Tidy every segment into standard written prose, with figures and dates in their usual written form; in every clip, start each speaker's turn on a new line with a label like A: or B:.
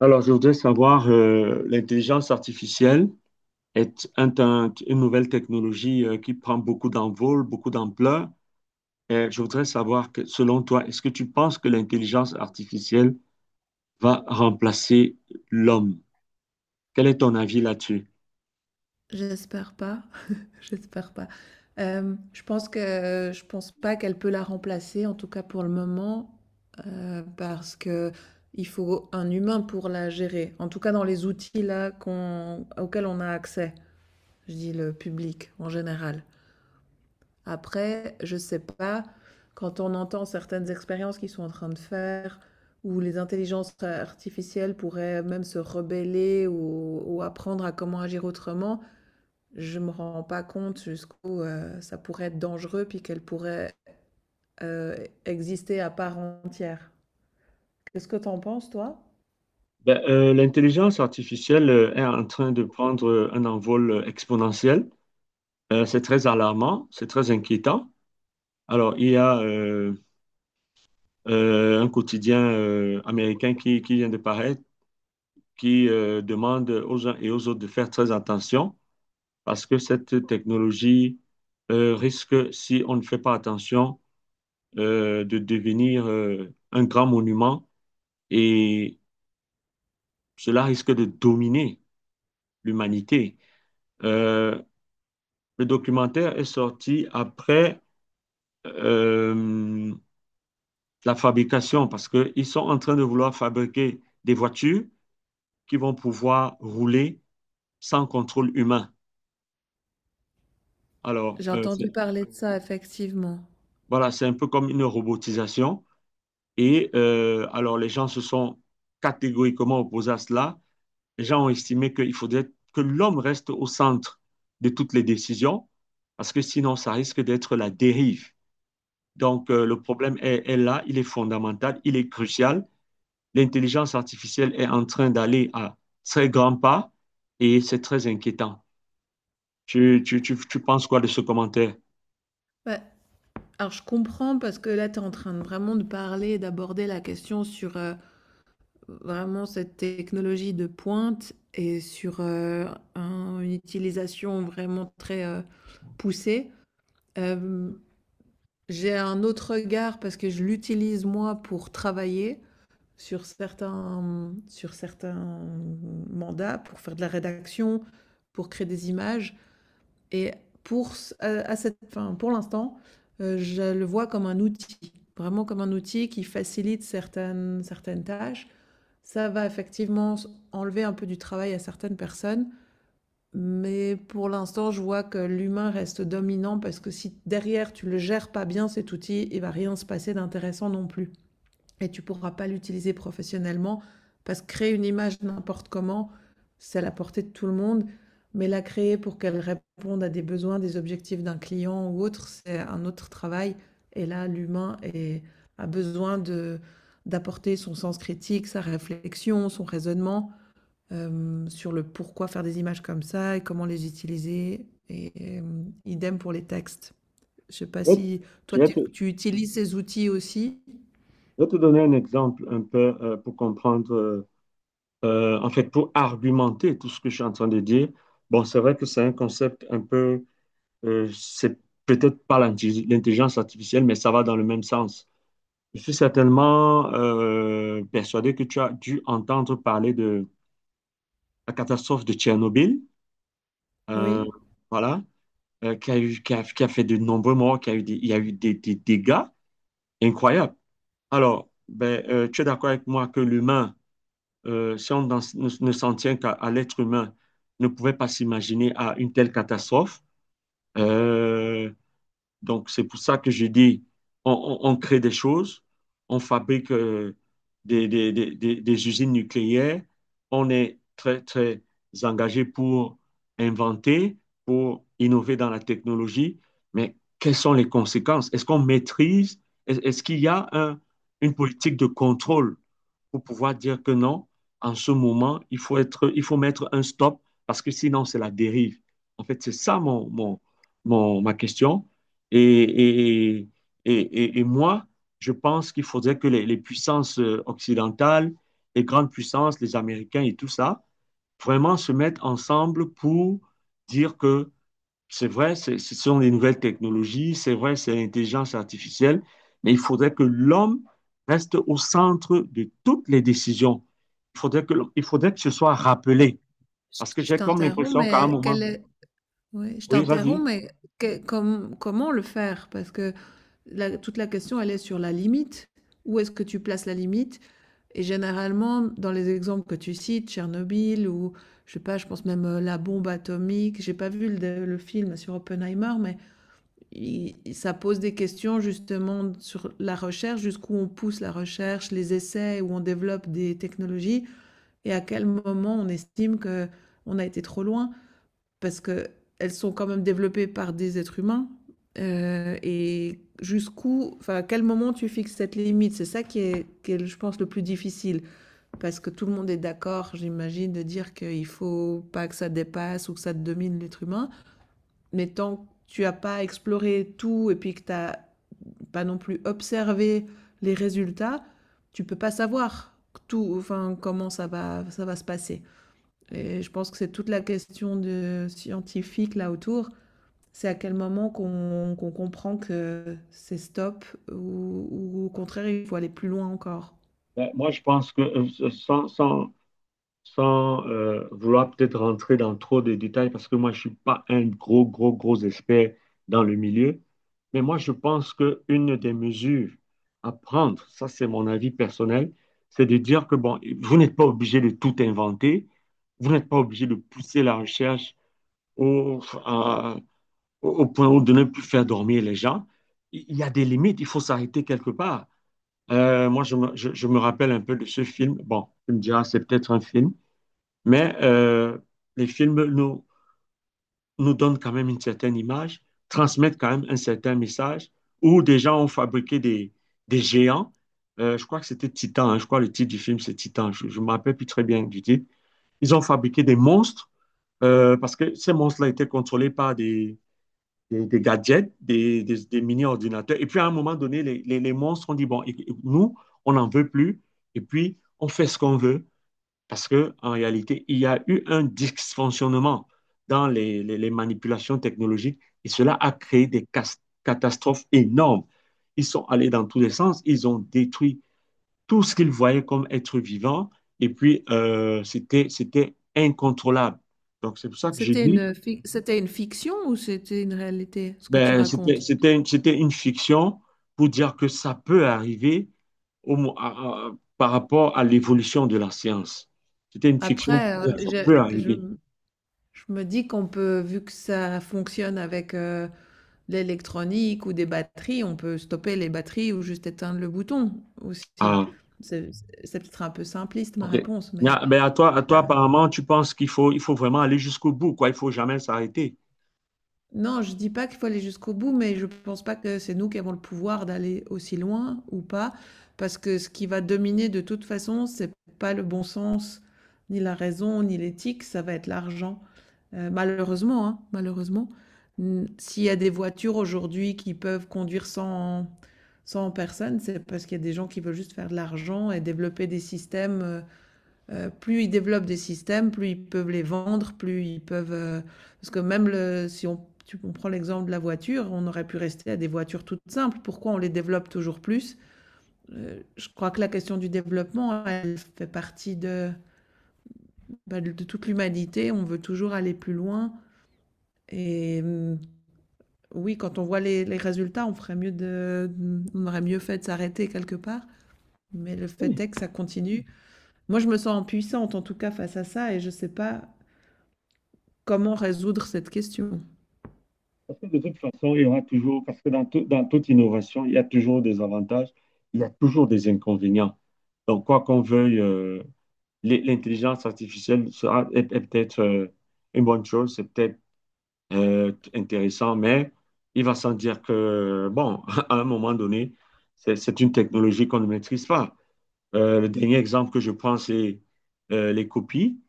A: Alors, je voudrais savoir, l'intelligence artificielle est une nouvelle technologie qui prend beaucoup d'envol, beaucoup d'ampleur. Et je voudrais savoir que, selon toi, est-ce que tu penses que l'intelligence artificielle va remplacer l'homme? Quel est ton avis là-dessus?
B: J'espère pas, j'espère pas. Je pense que je pense pas qu'elle peut la remplacer, en tout cas pour le moment, parce qu'il faut un humain pour la gérer. En tout cas dans les outils là qu'on auxquels on a accès, je dis le public en général. Après, je sais pas, quand on entend certaines expériences qu'ils sont en train de faire, où les intelligences artificielles pourraient même se rebeller ou apprendre à comment agir autrement, je me rends pas compte jusqu'où ça pourrait être dangereux puis qu'elle pourrait euh, exister à part entière. Qu'est-ce que t'en penses, toi?
A: L'intelligence artificielle est en train de prendre un envol exponentiel. C'est très alarmant, c'est très inquiétant. Alors, il y a un quotidien américain qui vient de paraître qui demande aux uns et aux autres de faire très attention parce que cette technologie risque, si on ne fait pas attention, de devenir un grand monument et cela risque de dominer l'humanité. Euh, le documentaire est sorti après euh, la fabrication parce qu'ils sont en train de vouloir fabriquer des voitures qui vont pouvoir rouler sans contrôle humain. Alors,
B: J'ai entendu
A: c'est
B: parler de ça, effectivement.
A: voilà, c'est un peu comme une robotisation. Et alors, les gens se sont catégoriquement opposés à cela. Les gens ont estimé qu'il faudrait que l'homme reste au centre de toutes les décisions, parce que sinon, ça risque d'être la dérive. Donc, le problème est là, il est fondamental, il est crucial. L'intelligence artificielle est en train d'aller à très grands pas et c'est très inquiétant. Tu penses quoi de ce commentaire?
B: Ouais. Alors, je comprends parce que là, tu es en train de vraiment de parler, d'aborder la question sur vraiment cette technologie de pointe et sur une utilisation vraiment très poussée. Euh, j'ai un autre regard parce que je l'utilise moi pour travailler sur certains mandats pour faire de la rédaction, pour créer des images. Et pour, à cette, fin, pour l'instant, je le vois comme un outil, vraiment comme un outil qui facilite certaines tâches. Ça va effectivement enlever un peu du travail à certaines personnes, mais pour l'instant, je vois que l'humain reste dominant parce que si derrière tu ne le gères pas bien cet outil, il ne va rien se passer d'intéressant non plus et tu ne pourras pas l'utiliser professionnellement parce que créer une image n'importe comment, c'est à la portée de tout le monde, mais la créer pour qu'elle réponde à des besoins, des objectifs d'un client ou autre, c'est un autre travail. Et là, a besoin de d'apporter son sens critique, sa réflexion, son raisonnement sur le pourquoi faire des images comme ça et comment les utiliser. Idem pour les textes. Je ne sais pas si toi
A: Je
B: tu utilises ces outils aussi.
A: vais te donner un exemple un peu pour comprendre en fait, pour argumenter tout ce que je suis en train de dire, bon, c'est vrai que c'est un concept un peu, c'est peut-être pas l'intelligence artificielle, mais ça va dans le même sens. Je suis certainement persuadé que tu as dû entendre parler de la catastrophe de Tchernobyl, euh,
B: Oui.
A: voilà, qui a qui a fait de nombreux morts, qui a eu il y a eu des dégâts incroyables. Alors, tu es d'accord avec moi que l'humain si on ne s'en tient qu'à à l'être humain, ne pouvait pas s'imaginer à une telle catastrophe. Euh, donc, c'est pour ça que je dis, on crée des choses, on fabrique des usines nucléaires, on est très, très engagé pour inventer, pour innover dans la technologie, mais quelles sont les conséquences? Est-ce qu'on maîtrise? Est-ce qu'il y a une politique de contrôle pour pouvoir dire que non, en ce moment, il faut mettre un stop parce que sinon, c'est la dérive. En fait, c'est ça ma question. Et, et, et et moi, je pense qu'il faudrait que les puissances occidentales, les grandes puissances, les Américains et tout ça, vraiment se mettent ensemble pour dire que c'est vrai, ce sont des nouvelles technologies, c'est vrai, c'est l'intelligence artificielle, mais il faudrait que l'homme reste au centre de toutes les décisions. Il faudrait que ce soit rappelé.
B: Je
A: Parce que
B: je
A: j'ai comme
B: t'interromps,
A: l'impression qu'à un
B: mais
A: moment,
B: quel est ouais, je
A: oui,
B: t'interromps,
A: vas-y.
B: mais comment le faire? Parce que toute la question, elle est sur la limite. Où est-ce que tu places la limite? Et généralement, dans les exemples que tu cites, Tchernobyl ou, je sais pas, je pense même la bombe atomique, j'ai pas vu le film sur Oppenheimer, mais ça pose des questions justement sur la recherche, jusqu'où on pousse la recherche, les essais, où on développe des technologies et à quel moment on estime que on a été trop loin parce qu'elles sont quand même développées par des êtres humains. Et jusqu'où, enfin, à quel moment tu fixes cette limite. C'est ça qui est, je pense, le plus difficile. Parce que tout le monde est d'accord, j'imagine, de dire qu'il ne faut pas que ça dépasse ou que ça domine l'être humain. Mais tant que tu n'as pas exploré tout et puis que tu n'as pas non plus observé les résultats, tu ne peux pas savoir tout, enfin, comment ça va se passer. Et je pense que c'est toute la question de scientifique là autour, c'est à quel moment qu'on comprend que c'est stop ou ou au contraire, il faut aller plus loin encore?
A: Moi, je pense que sans vouloir peut-être rentrer dans trop de détails, parce que moi, je ne suis pas un gros expert dans le milieu, mais moi, je pense qu'une des mesures à prendre, ça c'est mon avis personnel, c'est de dire que, bon, vous n'êtes pas obligé de tout inventer, vous n'êtes pas obligé de pousser la recherche au, à- au au point où de ne plus faire dormir les gens. Il y a des limites, il faut s'arrêter quelque part. Moi, je me rappelle un peu de ce film. Bon, tu me diras, c'est peut-être un film. Mais les films nous donnent quand même une certaine image, transmettent quand même un certain message, où des gens ont fabriqué des géants. Je crois que c'était Titan, hein. Je crois que le titre du film c'est Titan, je ne me rappelle plus très bien du titre. Ils ont fabriqué des monstres, parce que ces monstres-là étaient contrôlés par des gadgets, des mini-ordinateurs. Et puis à un moment donné, les monstres ont dit, bon, nous, on n'en veut plus, et puis on fait ce qu'on veut. Parce que, en réalité, il y a eu un dysfonctionnement dans les manipulations technologiques et cela a créé des catastrophes énormes. Ils sont allés dans tous les sens, ils ont détruit tout ce qu'ils voyaient comme être vivant et puis c'était incontrôlable. Donc, c'est pour ça que j'ai
B: C'était
A: dit,
B: une fic c'était une fiction ou c'était une réalité, ce que tu racontes?
A: c'était une fiction pour dire que ça peut arriver au mo- à- par rapport à l'évolution de la science. C'était une fiction
B: Après,
A: pour dire que ça peut arriver.
B: je je me dis qu'on peut, vu que ça fonctionne avec, l'électronique ou des batteries, on peut stopper les batteries ou juste éteindre le bouton aussi.
A: Ah,
B: C'est c'est peut-être un peu simpliste ma
A: ok.
B: réponse, mais
A: Ben, à toi, apparemment, tu penses qu'il faut vraiment aller jusqu'au bout, quoi. Il faut jamais s'arrêter.
B: non, je dis pas qu'il faut aller jusqu'au bout, mais je pense pas que c'est nous qui avons le pouvoir d'aller aussi loin ou pas, parce que ce qui va dominer de toute façon, c'est pas le bon sens, ni la raison, ni l'éthique, ça va être l'argent. Malheureusement, hein, malheureusement, s'il y a des voitures aujourd'hui qui peuvent conduire sans, sans personne, c'est parce qu'il y a des gens qui veulent juste faire de l'argent et développer des systèmes plus ils développent des systèmes, plus ils peuvent les vendre, plus ils peuvent, parce que même le si on prend l'exemple de la voiture, on aurait pu rester à des voitures toutes simples. Pourquoi on les développe toujours plus? Je crois que la question du développement, elle fait partie de, bah, de toute l'humanité. On veut toujours aller plus loin et oui, quand on voit les résultats, on aurait mieux fait de s'arrêter quelque part, mais le fait
A: Oui,
B: est que ça continue. Moi, je me sens impuissante, en tout cas, face à ça et je ne sais pas comment résoudre cette question?
A: parce que de toute façon, il y aura toujours, parce que dans toute innovation, il y a toujours des avantages, il y a toujours des inconvénients. Donc, quoi qu'on veuille, l'intelligence artificielle est peut-être une bonne chose, c'est peut-être intéressant, mais il va sans dire que, bon, à un moment donné, c'est une technologie qu'on ne maîtrise pas. Le dernier exemple que je prends, c'est les copies.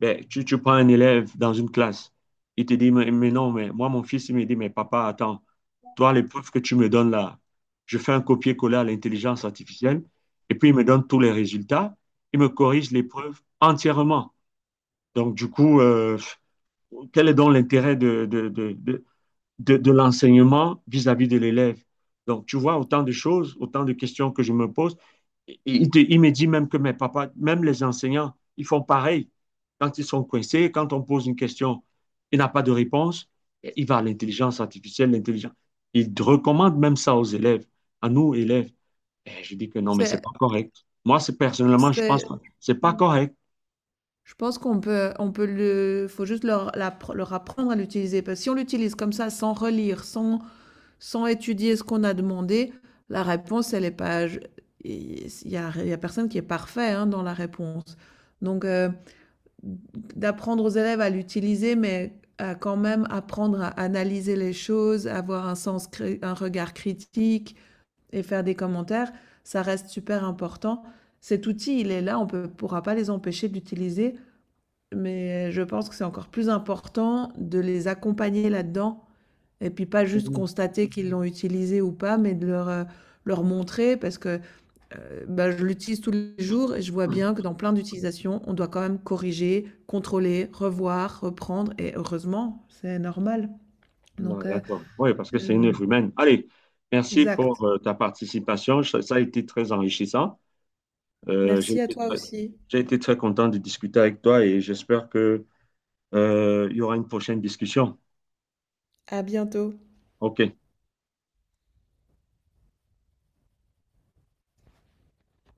A: Tu prends un élève dans une classe, il te dit, mais non, mais moi, mon fils, il me dit, mais papa, attends, toi, l'épreuve que tu me donnes là, je fais un copier-coller à l'intelligence artificielle, et puis il me donne tous les résultats, il me corrige l'épreuve entièrement. Donc, du coup, quel est donc l'intérêt de l'enseignement vis-à-vis de l'élève. Donc, tu vois, autant de choses, autant de questions que je me pose. Et il me dit même que mes papas, même les enseignants, ils font pareil. Quand ils sont coincés, quand on pose une question, il n'a pas de réponse, il va à l'intelligence artificielle, l'intelligence. Il recommande même ça aux élèves, à nous, élèves. Et je dis que non, mais c'est pas
B: C'est
A: correct. Moi, c'est personnellement, je pense que
B: c'est
A: c'est pas correct.
B: Je pense qu'on peut on peut le faut juste leur l'appre leur apprendre à l'utiliser parce que si on l'utilise comme ça sans relire, sans sans étudier ce qu'on a demandé, la réponse elle est pas je il y a personne qui est parfait, hein, dans la réponse. Donc d'apprendre aux élèves à l'utiliser, mais à quand même apprendre à analyser les choses, avoir un sens cré un regard critique, et faire des commentaires, ça reste super important. Cet outil, il est là, on ne pourra pas les empêcher d'utiliser, mais je pense que c'est encore plus important de les accompagner là-dedans et puis pas juste constater qu'ils l'ont utilisé ou pas, mais de leur, leur montrer parce que bah, je l'utilise tous les jours et je vois bien que dans plein d'utilisations, on doit quand même corriger, contrôler, revoir, reprendre et heureusement, c'est normal.
A: Non,
B: Donc, euh,
A: d'accord. Oui, parce que
B: euh,
A: c'est une œuvre humaine. Allez, merci
B: Exact.
A: pour ta participation. Ça a été très enrichissant. Euh, j'ai
B: Merci à
A: été
B: toi
A: très,
B: aussi.
A: j'ai été très content de discuter avec toi et j'espère que, il y aura une prochaine discussion.
B: À bientôt.
A: OK.